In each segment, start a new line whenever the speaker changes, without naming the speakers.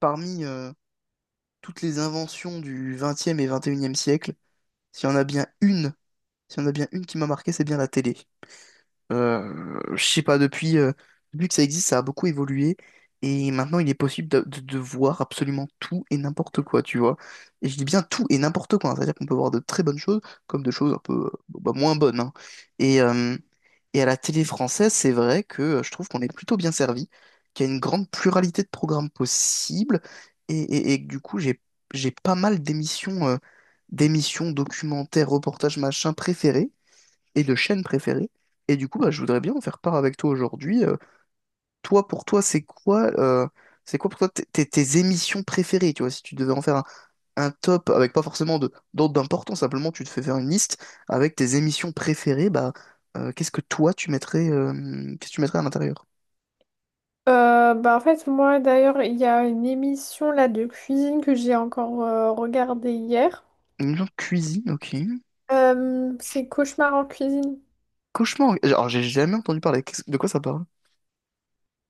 Parmi toutes les inventions du XXe et XXIe siècle, s'il y en a bien une, s'il y en a bien une qui m'a marqué, c'est bien la télé. Je sais pas, depuis que ça existe, ça a beaucoup évolué. Et maintenant, il est possible de voir absolument tout et n'importe quoi, tu vois. Et je dis bien tout et n'importe quoi, hein. C'est-à-dire qu'on peut voir de très bonnes choses comme de choses un peu bon, bah, moins bonnes, hein. Et, euh, et à la télé française, c'est vrai que je trouve qu'on est plutôt bien servi, qu'il y a une grande pluralité de programmes possibles. Et que du coup, j'ai pas mal d'émissions, documentaires, reportages, machin préférés, et de chaînes préférées. Et du coup, bah, je voudrais bien en faire part avec toi aujourd'hui. Toi, pour toi, c'est quoi pour toi tes émissions préférées, tu vois? Si tu devais en faire un top avec pas forcément de d'ordre d'importance, simplement tu te fais faire une liste avec tes émissions préférées, bah euh, qu'est-ce que toi tu mettrais, euh, qu'est-ce que tu mettrais à l'intérieur?
En fait moi d'ailleurs il y a une émission là de cuisine que j'ai encore regardée hier.
Une émission de cuisine, ok.
C'est Cauchemar en cuisine.
Cauchemar. Alors j'ai jamais entendu parler. De quoi ça parle?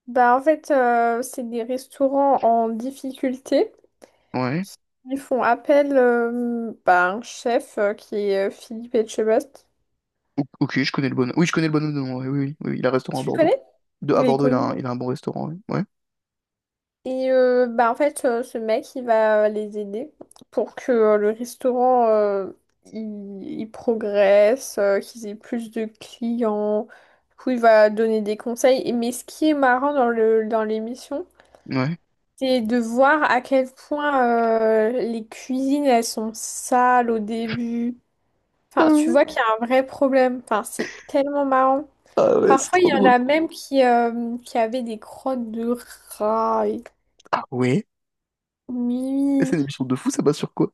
Bah en fait c'est des restaurants en difficulté.
Ouais.
Ils font appel à un chef qui est Philippe Etchebest.
Ok, je connais le bonhomme. Oui, je connais le bonhomme de nom. Ouais, oui, oui, oui, il a un restaurant à
Tu le
Bordeaux.
connais? Il
À
est
Bordeaux, il a
connu.
un bon restaurant. Ouais.
Ce mec, il va les aider pour que le restaurant, il progresse, qu'ils aient plus de clients. Du coup, il va donner des conseils. Mais ce qui est marrant dans l'émission,
Ouais.
c'est de voir à quel point les cuisines, elles sont sales au début. Enfin, tu
Ouais.
vois qu'il y a un vrai problème. Enfin, c'est tellement marrant.
Ah ouais, c'est
Parfois, il
trop
y en
drôle.
a même qui avaient des crottes de rats.
Ah ouais? C'est
Oui.
une émission de fou, ça passe sur quoi?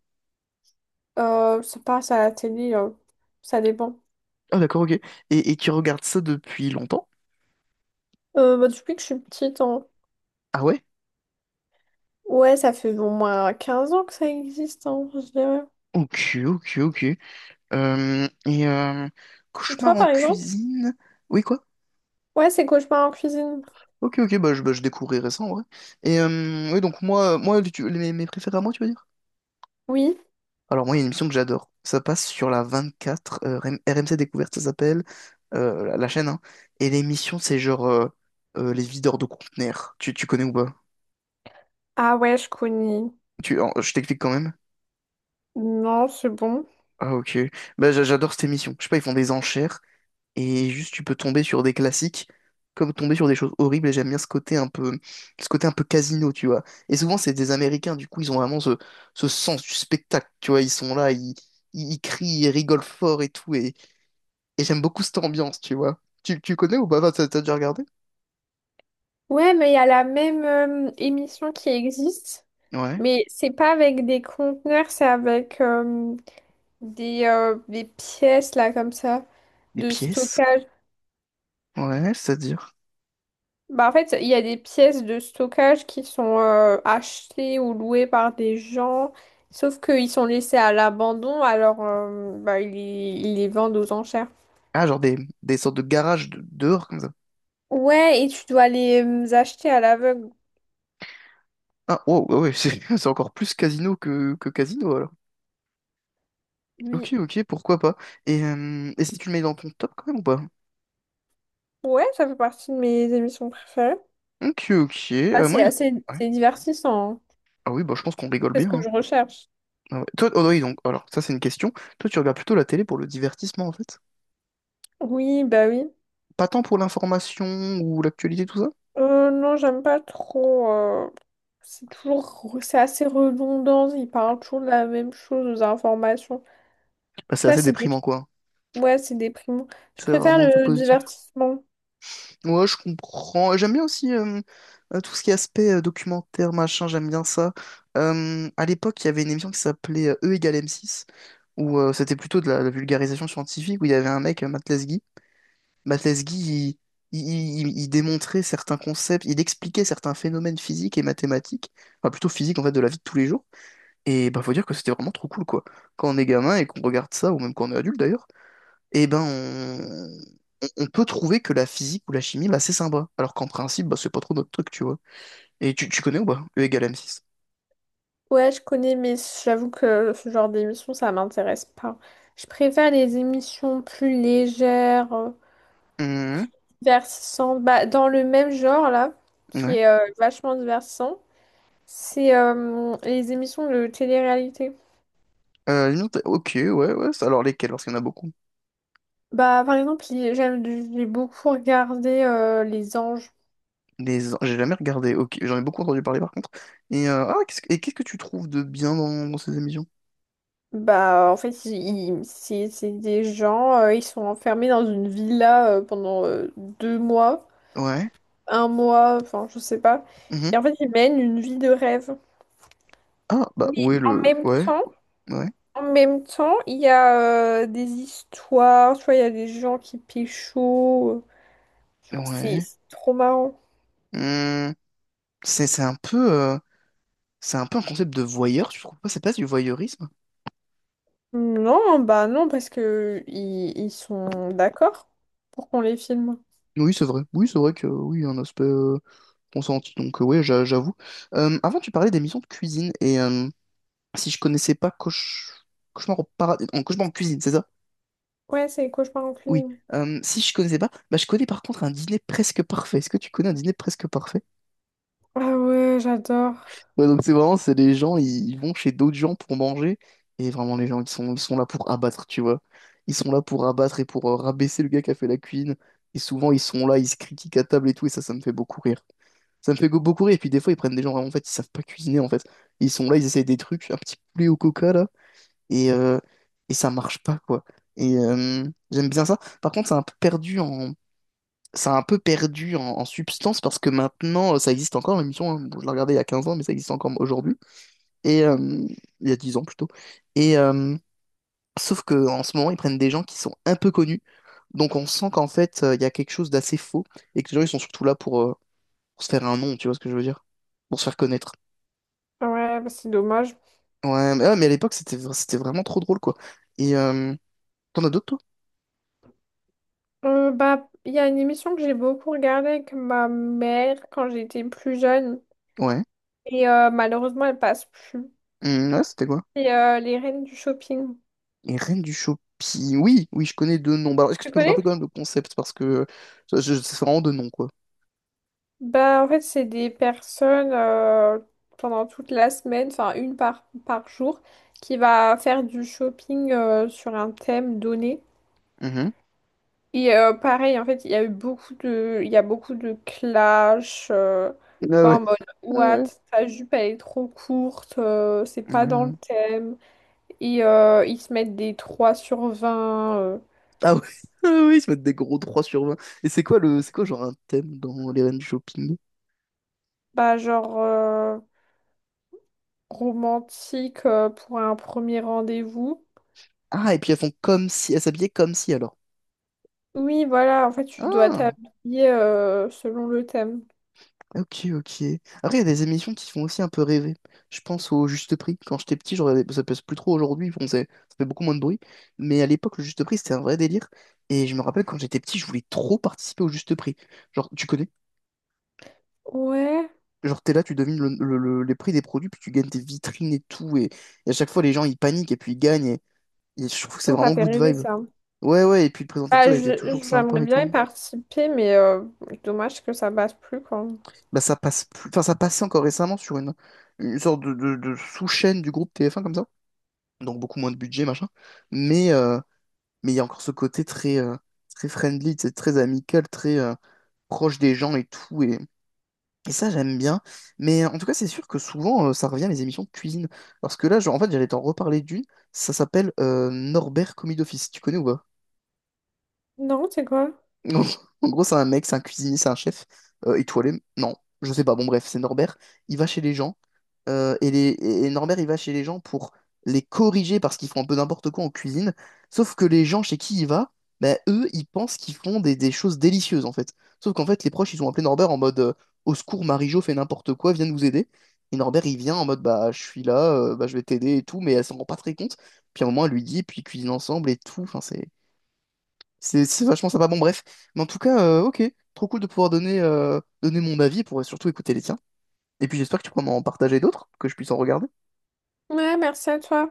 Ça passe à la télé, ça dépend.
Ah d'accord, ok. Et qui regarde ça depuis longtemps?
Depuis que je suis petite, hein.
Ah ouais?
Ouais, ça fait au moins 15 ans que ça existe, hein, je dirais.
Ok, ok, ok. Et Cauchemar
Toi,
en
par exemple?
cuisine? Oui, quoi?
Ouais, c'est Cauchemar en cuisine.
Ok, ok, bah, je découvrirai ça en vrai. Oui, donc moi, moi tu- les- mes, mes préférés à moi, tu veux dire?
Oui.
Alors moi, il y a une émission que j'adore. Ça passe sur la 24, RM- C Découverte, ça s'appelle, la chaîne, hein. Et l'émission, c'est genre les videurs de conteneurs. Tu connais ou pas?
Ah ouais, je connais.
Je t'explique quand même.
Non, c'est bon.
Ah ok. Bah, j'adore cette émission. Je sais pas, ils font des enchères et juste tu peux tomber sur des classiques comme tomber sur des choses horribles, et j'aime bien ce côté un peu casino, tu vois. Et souvent c'est des Américains, du coup ils ont vraiment ce sens du spectacle, tu vois, ils sont là, ils crient, ils rigolent fort et tout, et j'aime beaucoup cette ambiance, tu vois. Tu connais ou pas? Enfin, t'as déjà regardé?
Ouais, mais il y a la même émission qui existe,
Ouais.
mais c'est pas avec des conteneurs, c'est avec des pièces, là, comme ça,
Des
de
pièces?
stockage.
Ouais, c'est-à-dire.
Bah en fait, il y a des pièces de stockage qui sont achetées ou louées par des gens, sauf qu'ils sont laissés à l'abandon, alors ils les vendent aux enchères.
Ah, genre des sortes de garages dehors comme ça.
Ouais, et tu dois les acheter à l'aveugle.
Ah, wow, ouais, ouais, c'est c'est encore plus casino que casino alors.
Oui.
Ok, ok, pourquoi pas. Et et si tu le mets dans ton top quand même ou pas?
Ouais, ça fait partie de mes émissions préférées.
Ok, ok,
Ah,
moi, il ouais.
c'est divertissant. Hein.
Ah oui, bah je pense qu'on rigole
C'est ce
bien,
que
hein.
je recherche.
Ah ouais. Toi, oh oui, donc, alors, ça c'est une question. Toi, tu regardes plutôt la télé pour le divertissement en fait?
Oui, bah oui.
Pas tant pour l'information ou l'actualité, tout ça?
Non, j'aime pas trop. C'est toujours, c'est assez redondant. Ils parlent toujours de la même chose aux informations.
Bah, c'est
Ça,
assez
c'est des
déprimant quoi.
Ouais, c'est déprimant. Je
C'est
préfère
rarement tout
le
positif.
divertissement.
Ouais, je comprends. J'aime bien aussi tout ce qui est aspect documentaire, machin, j'aime bien ça. À l'époque, il y avait une émission qui s'appelait E égale m six, où c'était plutôt de la vulgarisation scientifique, où il y avait un mec, Matt Matesguy. Il démontrait certains concepts, il expliquait certains phénomènes physiques et mathématiques, enfin plutôt physiques en fait, de la vie de tous les jours. Et bah faut dire que c'était vraiment trop cool quoi. Quand on est gamin et qu'on regarde ça, ou même quand on est adulte d'ailleurs, et ben on peut trouver que la physique ou la chimie, bah c'est sympa. Alors qu'en principe, bah c'est pas trop notre truc, tu vois. Et tu connais ou pas? E égale m six.
Ouais, je connais, mais j'avoue que ce genre d'émission, ça m'intéresse pas. Je préfère les émissions plus légères,
Mhm,
divertissantes. Bah, dans le même genre, là,
ouais.
qui est vachement divertissant, c'est les émissions de télé-réalité.
Ok, ouais, ouais. Alors lesquels? Parce qu'il y en a beaucoup.
Bah, par exemple, j'ai beaucoup regardé Les Anges.
J'ai jamais regardé. Ok, j'en ai beaucoup entendu parler par contre. Ah, qu'est-ce que tu trouves de bien dans ces émissions?
En fait, c'est des gens, ils sont enfermés dans une villa pendant 2 mois.
Ouais.
1 mois, enfin, je sais pas.
Mhm.
Et en fait, ils mènent une vie de rêve.
Ah bah
Mais
ouais,
en
le
même
ouais,
temps,
ouais,
il y a des histoires, tu vois, il y a des gens qui pécho. Tu vois, C'est
ouais.
c'est trop marrant.
Hmm. C'est un peu un concept de voyeur. Tu trouves pas? C'est pas du voyeurisme?
Non, parce que ils sont d'accord pour qu'on les filme.
Oui c'est vrai. Oui c'est vrai que oui il y a un aspect consenti. Donc ouais, j'avoue. Avant tu parlais d'émissions de cuisine, et si je connaissais pas Cauchemar au paradis en Cauchemar en cuisine, c'est ça?
Ouais, c'est les cauchemars en
Oui.
film.
Si je connaissais pas, bah, je connais par contre un dîner presque parfait. Est-ce que tu connais un dîner presque parfait?
Ah ouais, j'adore.
Ouais, donc c'est vraiment, c'est les gens, ils vont chez d'autres gens pour manger. Et vraiment, les gens, ils sont là pour abattre, tu vois. Ils sont là pour abattre et pour rabaisser le gars qui a fait la cuisine. Et souvent, ils sont là, ils se critiquent à table et tout. Et ça me fait beaucoup rire. Ça me fait beaucoup rire. Et puis des fois, ils prennent des gens vraiment, en fait, ils savent pas cuisiner, en fait. Ils sont là, ils essayent des trucs, un petit poulet au coca, là. Et, euh, et ça marche pas, quoi. Et euh, J'aime bien ça. Par contre, c'est un peu perdu en, ça a un peu perdu en substance, parce que maintenant, ça existe encore l'émission, hein. Bon, je l'ai regardée il y a 15 ans, mais ça existe encore aujourd'hui. Et euh, il y a 10 ans plutôt. Et euh, Sauf que en ce moment, ils prennent des gens qui sont un peu connus. Donc on sent qu'en fait, il y a quelque chose d'assez faux, et que les gens, ils sont surtout là pour se faire un nom, tu vois ce que je veux dire? Pour se faire connaître.
Ah ouais, bah c'est dommage.
Ouais, mais à l'époque, c'était vraiment trop drôle, quoi. Et euh, T'en as d'autres, toi?
Il y a une émission que j'ai beaucoup regardée avec ma mère quand j'étais plus jeune.
Ouais.
Et malheureusement, elles passent plus.
Hmm, ouais, c'était quoi?
Les reines du shopping.
Les Reines du Shopping. Oui, oui, je connais deux noms. Bah, alors, est-ce que
Tu
tu peux me
connais?
rappeler quand même le concept? Parce que ça, c'est vraiment deux noms, quoi.
Bah, en fait, c'est des personnes pendant toute la semaine, enfin une par jour, qui va faire du shopping sur un thème donné.
Mhm.
Et pareil, en fait, il y a beaucoup de clash, tu
Ah
vois,
ouais.
en mode,
Ah
what,
ouais.
ta jupe, elle est trop courte, c'est pas dans le
Euh,
thème. Et ils se mettent des 3 sur 20
Ah ouais. Ah oui, ils se mettent des gros 3 sur 20. Et c'est quoi le. C'est quoi genre un thème dans les Reines du Shopping?
bah, genre romantique pour un premier rendez-vous.
Ah, et puis elles font comme si. Elles s'habillaient comme si alors.
Oui, voilà, en fait, tu dois
Ah.
t'habiller selon le thème.
Ok, ok. Après, il y a des émissions qui font aussi un peu rêver. Je pense au Juste Prix. Quand j'étais petit, je regardais... ça passe plus trop aujourd'hui, bon, ça fait beaucoup moins de bruit. Mais à l'époque, le Juste Prix, c'était un vrai délire. Et je me rappelle, quand j'étais petit, je voulais trop participer au Juste Prix. Genre, tu connais?
Ouais.
Genre, t'es là, tu devines les prix des produits, puis tu gagnes tes vitrines et tout. Et à chaque fois, les gens, ils paniquent et puis ils gagnent. Et je trouve que c'est
Oh, ça
vraiment
fait
good
rêver
vibe.
ça.
Ouais, ouais, et puis le présentateur, il était toujours
J'aimerais
sympa et
bien
tout.
y participer, mais dommage que ça passe plus, quoi.
Bah, ça passe plus... Enfin, ça passait encore récemment sur une sorte de sous-chaîne du groupe TF1 comme ça. Donc beaucoup moins de budget, machin. Mais euh, mais il y a encore ce côté très, très friendly, tu sais, très amical, très proche des gens et tout. Et ça, j'aime bien. En tout cas, c'est sûr que souvent, ça revient les émissions de cuisine. Parce que là, en fait, j'allais t'en reparler d'une. Ça s'appelle Norbert Commis d'Office. Tu connais ou pas?
Non, c'est quoi?
En En gros, c'est un mec, c'est un cuisinier, c'est un chef étoilé. Non, je sais pas. Bon, bref, c'est Norbert. Il va chez les gens. Et Norbert, il va chez les gens pour les corriger parce qu'ils font un peu n'importe quoi en cuisine. Sauf que les gens chez qui il va, bah, eux, ils pensent qu'ils font des choses délicieuses en fait. Sauf qu'en fait, les proches, ils ont appelé Norbert en mode au secours, Marie-Jo fait n'importe quoi, viens nous aider. Et Norbert, il vient en mode bah, je suis là, bah, je vais t'aider et tout, mais elle s'en rend pas très compte. Puis à un moment, elle lui dit, puis ils cuisinent ensemble et tout. Enfin, c'est vachement sympa. Bon, bref. Mais en tout cas, ok, trop cool de pouvoir donner mon avis, pour surtout écouter les tiens. Et puis j'espère que tu pourras m'en partager d'autres, que je puisse en regarder.
Ouais, merci à toi.